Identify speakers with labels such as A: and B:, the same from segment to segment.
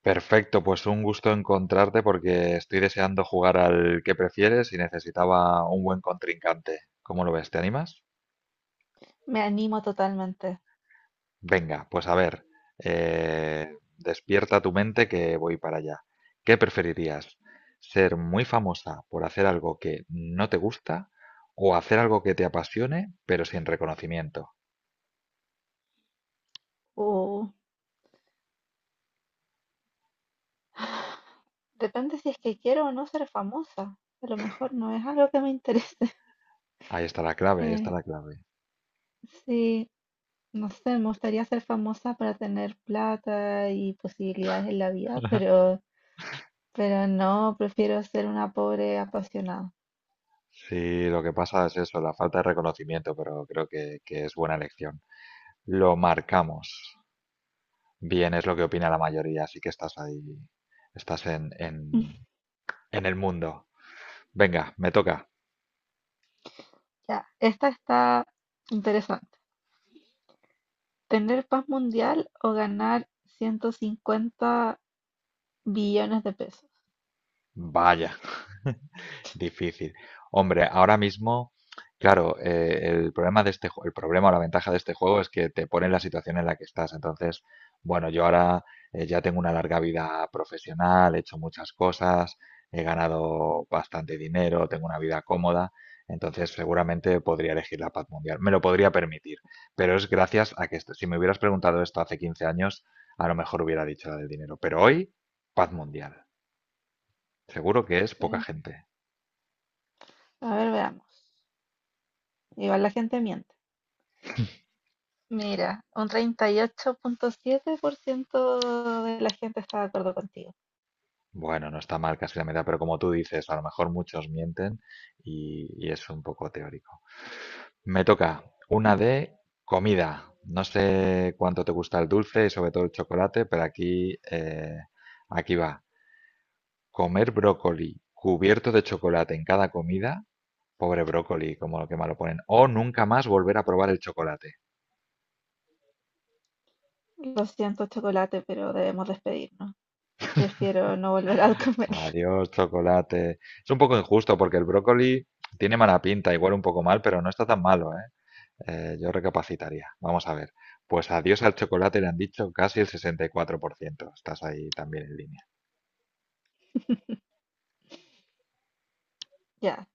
A: Perfecto, pues un gusto encontrarte porque estoy deseando jugar al que prefieres y necesitaba un buen contrincante. ¿Cómo lo ves? ¿Te animas?
B: Me animo totalmente.
A: Venga, pues a ver, despierta tu mente que voy para allá. ¿Qué preferirías? ¿Ser muy famosa por hacer algo que no te gusta o hacer algo que te apasione pero sin reconocimiento?
B: Uh, Depende si es que quiero o no ser famosa. A lo mejor no es algo que me interese.
A: Ahí está la clave, ahí está
B: Eh,
A: la clave.
B: sí, no sé, me gustaría ser famosa para tener plata y posibilidades en la vida, pero no, prefiero ser una pobre apasionada.
A: Sí, lo que pasa es eso, la falta de reconocimiento, pero creo que es buena elección. Lo marcamos. Bien, es lo que opina la mayoría, así que estás ahí, estás en, en, en el mundo. Venga, me toca.
B: Ya, esta está interesante. ¿Tener paz mundial o ganar 150 billones de pesos?
A: Vaya. Difícil. Hombre, ahora mismo, claro, el problema o la ventaja de este juego es que te pone en la situación en la que estás. Entonces, bueno, yo ahora ya tengo una larga vida profesional, he hecho muchas cosas, he ganado bastante dinero, tengo una vida cómoda. Entonces, seguramente podría elegir la paz mundial. Me lo podría permitir, pero es gracias a que si me hubieras preguntado esto hace 15 años, a lo mejor hubiera dicho la del dinero. Pero hoy, paz mundial. Seguro que es poca
B: Sí.
A: gente.
B: A ver, veamos. Igual la gente miente. Mira, un 38,7% de la gente está de acuerdo contigo.
A: Bueno, no está mal casi la mitad, pero como tú dices, a lo mejor muchos mienten y es un poco teórico. Me toca una de comida. No sé cuánto te gusta el dulce y sobre todo el chocolate, pero aquí, aquí va. Comer brócoli cubierto de chocolate en cada comida. Pobre brócoli, como lo que malo ponen. O nunca más volver a probar el chocolate.
B: Lo siento, chocolate, pero debemos despedirnos. Prefiero no volver a comerlo.
A: Adiós, chocolate. Es un poco injusto porque el brócoli tiene mala pinta, igual un poco mal, pero no está tan malo, ¿eh? Yo recapacitaría. Vamos a ver. Pues adiós al chocolate le han dicho casi el 64%. Estás ahí también en línea.
B: Ya,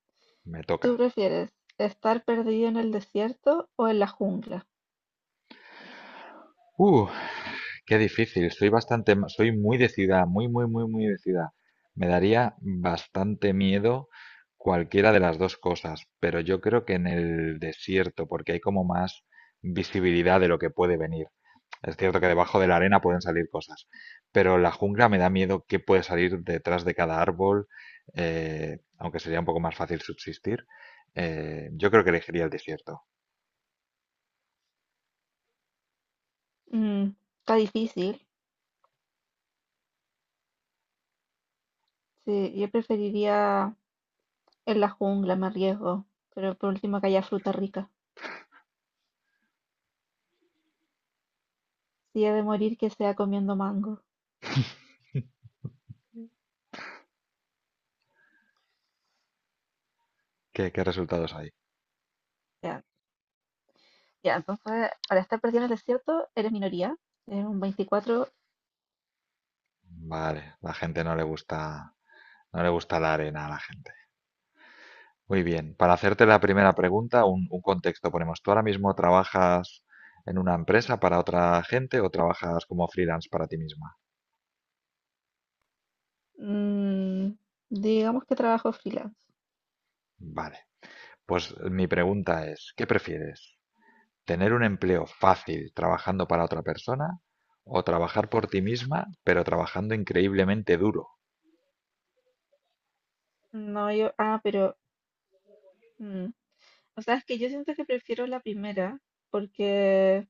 A: Me toca.
B: ¿tú prefieres estar perdido en el desierto o en la jungla?
A: Uh, Qué difícil, soy muy decidida, muy, muy, muy, muy decidida. Me daría bastante miedo cualquiera de las dos cosas, pero yo creo que en el desierto, porque hay como más visibilidad de lo que puede venir. Es cierto que debajo de la arena pueden salir cosas, pero la jungla me da miedo qué puede salir detrás de cada árbol, aunque sería un poco más fácil subsistir. Yo creo que elegiría el desierto.
B: Mm, está difícil. Sí, yo preferiría en la jungla, me arriesgo. Pero por último que haya fruta rica. Si he de morir, que sea comiendo mango.
A: ¿Qué, qué resultados hay?
B: Ya, ya, entonces, para estar perdido en el desierto, eres minoría. Eres un 24.
A: Vale, la gente no le gusta. No le gusta la arena a la gente. Muy bien. Para hacerte la primera pregunta, un contexto ponemos. ¿Tú ahora mismo trabajas en una empresa para otra gente o trabajas como freelance para ti misma?
B: Mm, digamos que trabajo freelance.
A: Vale. Pues mi pregunta es, ¿qué prefieres? ¿Tener un empleo fácil trabajando para otra persona o trabajar por ti misma, pero trabajando increíblemente duro?
B: No, yo, pero, mm, o sea, es que yo siento que prefiero la primera porque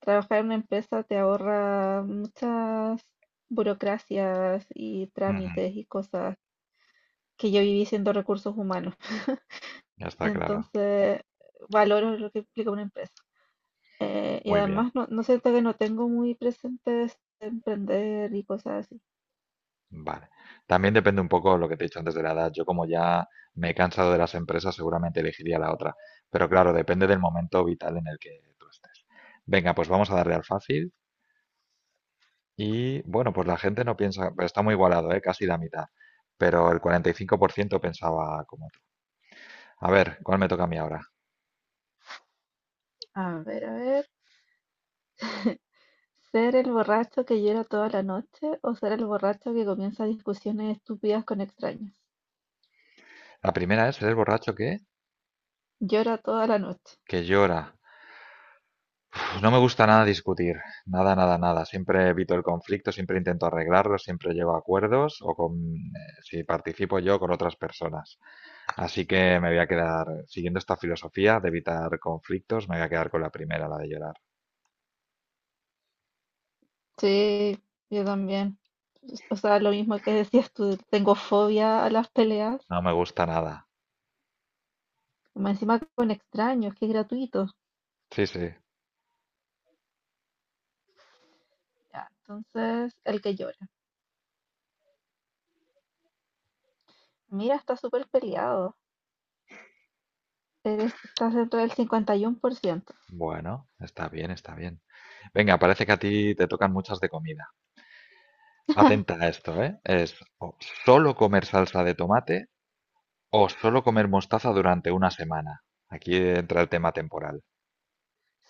B: trabajar en una empresa te ahorra muchas burocracias y
A: Ujú.
B: trámites y cosas que yo viví siendo recursos humanos.
A: Ya está claro.
B: Entonces, valoro lo que implica una empresa. Y
A: Muy bien.
B: además, no, no siento que no tengo muy presentes emprender y cosas así.
A: Vale. También depende un poco de lo que te he dicho antes de la edad. Yo, como ya me he cansado de las empresas, seguramente elegiría la otra. Pero claro, depende del momento vital en el que tú estés. Venga, pues vamos a darle al fácil. Y bueno, pues la gente no piensa, pero está muy igualado, ¿eh? Casi la mitad. Pero el 45% pensaba como tú. A ver, ¿cuál me toca a mí ahora?
B: A ver, a ver. ¿Ser el borracho que llora toda la noche o ser el borracho que comienza discusiones estúpidas con extraños?
A: La primera es, ¿eres borracho qué?
B: Llora toda la noche.
A: Que llora. Pues no me gusta nada discutir, nada, nada, nada. Siempre evito el conflicto, siempre intento arreglarlo, siempre llego a acuerdos o con, si participo yo con otras personas. Así que me voy a quedar, siguiendo esta filosofía de evitar conflictos, me voy a quedar con la primera, la de llorar.
B: Sí, yo también. O sea, lo mismo que decías tú, tengo fobia a las peleas,
A: No me gusta nada.
B: más encima con extraños, que es gratuito.
A: Sí, sí.
B: Ya, entonces, el que llora. Mira, está súper peleado. Eres, estás dentro del 51%.
A: Bueno, está bien, está bien. Venga, parece que a ti te tocan muchas de comida. Atenta a esto, ¿eh? Es o solo comer salsa de tomate o solo comer mostaza durante una semana. Aquí entra el tema temporal.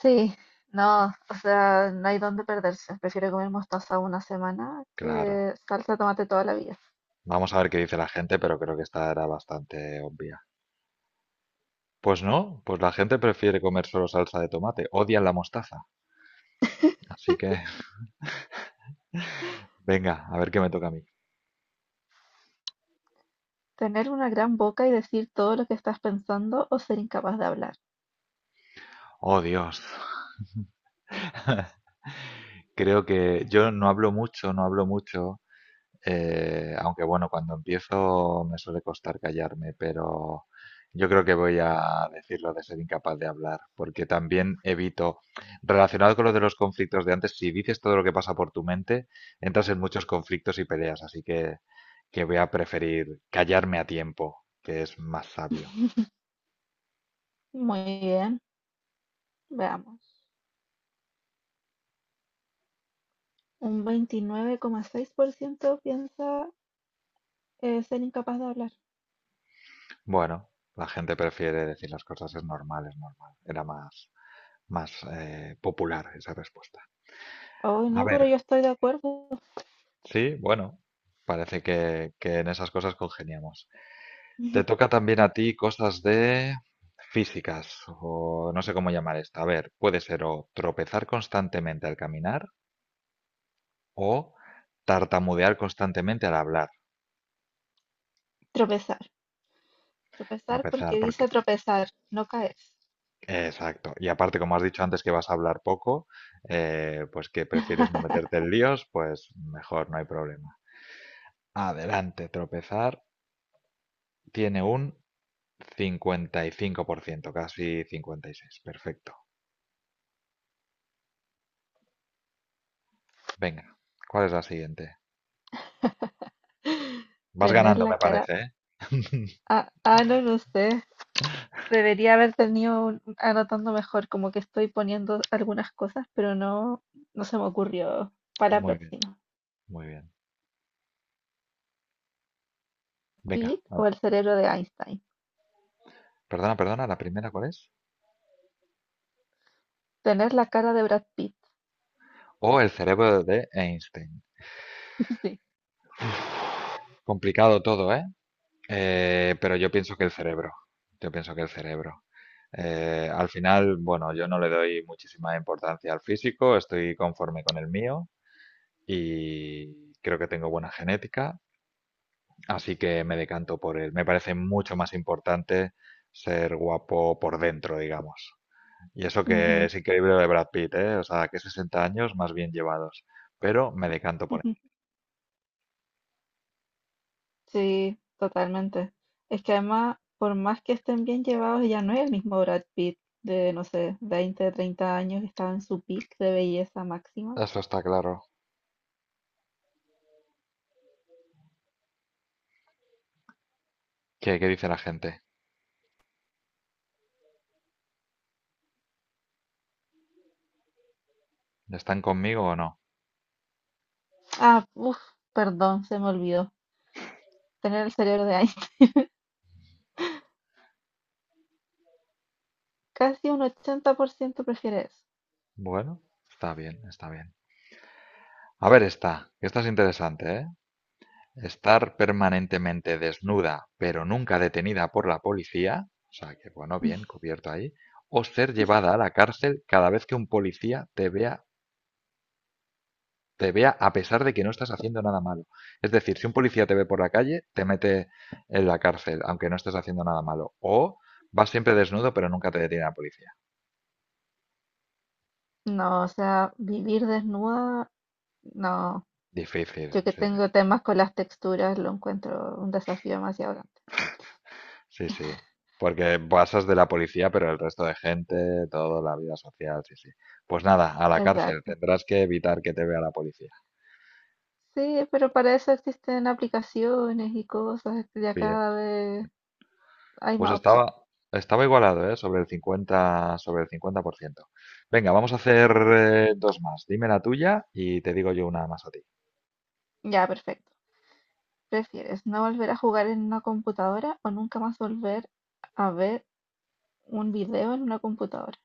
B: Sí, no, o sea, no hay dónde perderse. Prefiero comer mostaza una semana
A: Claro.
B: que salsa de tomate toda la vida.
A: Vamos a ver qué dice la gente, pero creo que esta era bastante obvia. Pues no, pues la gente prefiere comer solo salsa de tomate. Odian la mostaza. Así que, venga, a ver qué me toca a mí.
B: Tener una gran boca y decir todo lo que estás pensando o ser incapaz de hablar.
A: Oh, Dios. Creo que yo no hablo mucho, no hablo mucho. Aunque bueno, cuando empiezo me suele costar callarme, pero yo creo que voy a decirlo de ser incapaz de hablar, porque también evito, relacionado con lo de los conflictos de antes, si dices todo lo que pasa por tu mente, entras en muchos conflictos y peleas, así que voy a preferir callarme a tiempo, que es más sabio.
B: Muy bien, veamos. Un 29,6% piensa ser incapaz de hablar.
A: Bueno, la gente prefiere decir las cosas, es normal, es normal. Era más popular esa respuesta.
B: Hoy
A: A
B: no,
A: ver.
B: pero yo estoy de acuerdo.
A: Sí, bueno, parece que en esas cosas congeniamos. Te toca también a ti cosas de físicas, o no sé cómo llamar esto. A ver, puede ser o tropezar constantemente al caminar o tartamudear constantemente al hablar.
B: Tropezar. Tropezar
A: Tropezar,
B: porque
A: porque...
B: dice tropezar, no caerse.
A: Exacto. Y aparte, como has dicho antes que vas a hablar poco, pues que prefieres no meterte en líos, pues mejor, no hay problema. Adelante, tropezar tiene un 55%, casi 56. Perfecto. Venga, ¿cuál es la siguiente? Vas
B: Tener
A: ganando,
B: la
A: me
B: cara...
A: parece, ¿eh?
B: No lo sé. Debería haber tenido anotando mejor, como que estoy poniendo algunas cosas, pero no, no se me ocurrió. Para la
A: Muy bien,
B: próxima.
A: muy bien. Venga,
B: Pete o el cerebro de Einstein.
A: perdona, perdona, ¿la primera cuál es?
B: Tener la cara de Brad Pitt.
A: O el cerebro de Einstein.
B: Sí.
A: Complicado todo, ¿eh? Pero yo pienso que el cerebro. Yo pienso que el cerebro. Al final, bueno, yo no le doy muchísima importancia al físico, estoy conforme con el mío y creo que tengo buena genética. Así que me decanto por él. Me parece mucho más importante ser guapo por dentro, digamos. Y eso que
B: Ujú.
A: es increíble lo de Brad Pitt, ¿eh? O sea, que 60 años más bien llevados. Pero me decanto por él.
B: Sí, totalmente. Es que además, por más que estén bien llevados, ya no es el mismo Brad Pitt de, no sé, 20, 30 años que estaba en su peak de belleza máxima.
A: Eso está claro. ¿Qué, qué dice la gente? ¿Están conmigo o no?
B: Ah, uff, perdón, se me olvidó. Tener el cerebro de Einstein. Casi un 80% prefiere eso.
A: Bueno, está bien, está bien. A ver esta, que esta es interesante, ¿eh? Estar permanentemente desnuda, pero nunca detenida por la policía, o sea que bueno, bien, cubierto ahí, o ser llevada a la cárcel cada vez que un policía te vea a pesar de que no estás haciendo nada malo. Es decir, si un policía te ve por la calle, te mete en la cárcel, aunque no estés haciendo nada malo. O vas siempre desnudo, pero nunca te detiene la policía.
B: No, o sea, vivir desnuda, no.
A: Difícil,
B: Yo que
A: sí,
B: tengo temas con las texturas, lo encuentro un desafío demasiado grande.
A: sí. Sí. Porque pasas de la policía, pero el resto de gente, toda la vida social, sí, sí. Pues nada, a la cárcel.
B: Exacto.
A: Tendrás que evitar que te vea la policía.
B: Sí, pero para eso existen aplicaciones y cosas, este, ya
A: Bien,
B: cada vez
A: bien.
B: hay
A: Pues
B: más opciones.
A: estaba igualado, ¿eh? Sobre el 50, sobre el 50%. Venga, vamos a hacer dos más. Dime la tuya y te digo yo una más a ti.
B: Ya, perfecto. ¿Prefieres no volver a jugar en una computadora o nunca más volver a ver un video en una computadora?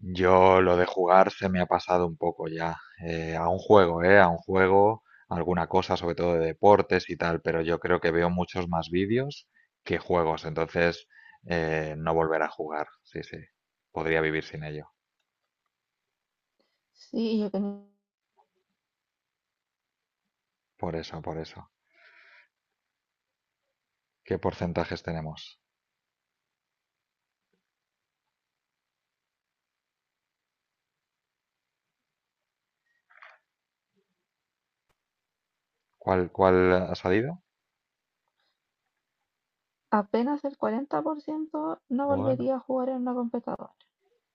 A: Yo lo de jugar se me ha pasado un poco ya. Eh, a un juego, ¿eh? A un juego, alguna cosa, sobre todo de deportes y tal, pero yo creo que veo muchos más vídeos que juegos, entonces no volver a jugar. Sí, sí. Podría vivir sin ello.
B: Sí, yo que ni-
A: Por eso, por eso. ¿Qué porcentajes tenemos? ¿Cuál ha salido?
B: apenas el 40% no
A: Bueno,
B: volvería a jugar en una computadora.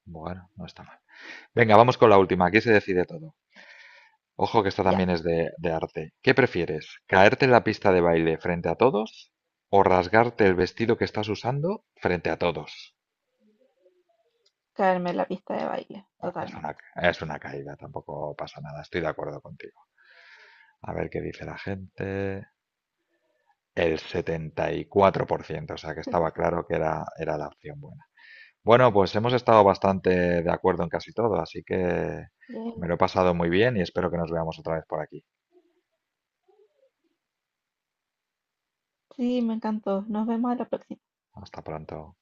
A: bueno, no está mal. Venga, vamos con la última. Aquí se decide todo. Ojo que esta
B: Ya,
A: también es de arte. ¿Qué prefieres? ¿Caerte en la pista de baile frente a todos o rasgarte el vestido que estás usando frente a todos?
B: caerme en la pista de baile,
A: Ah, es una,
B: totalmente.
A: es una caída, tampoco pasa nada, estoy de acuerdo contigo. A ver qué dice la gente. El 74%, o sea que estaba claro que era la opción buena. Bueno, pues hemos estado bastante de acuerdo en casi todo, así que
B: Yay.
A: me lo he pasado muy bien y espero que nos veamos otra vez por aquí.
B: Sí, me encantó. Nos vemos a la próxima.
A: Hasta pronto.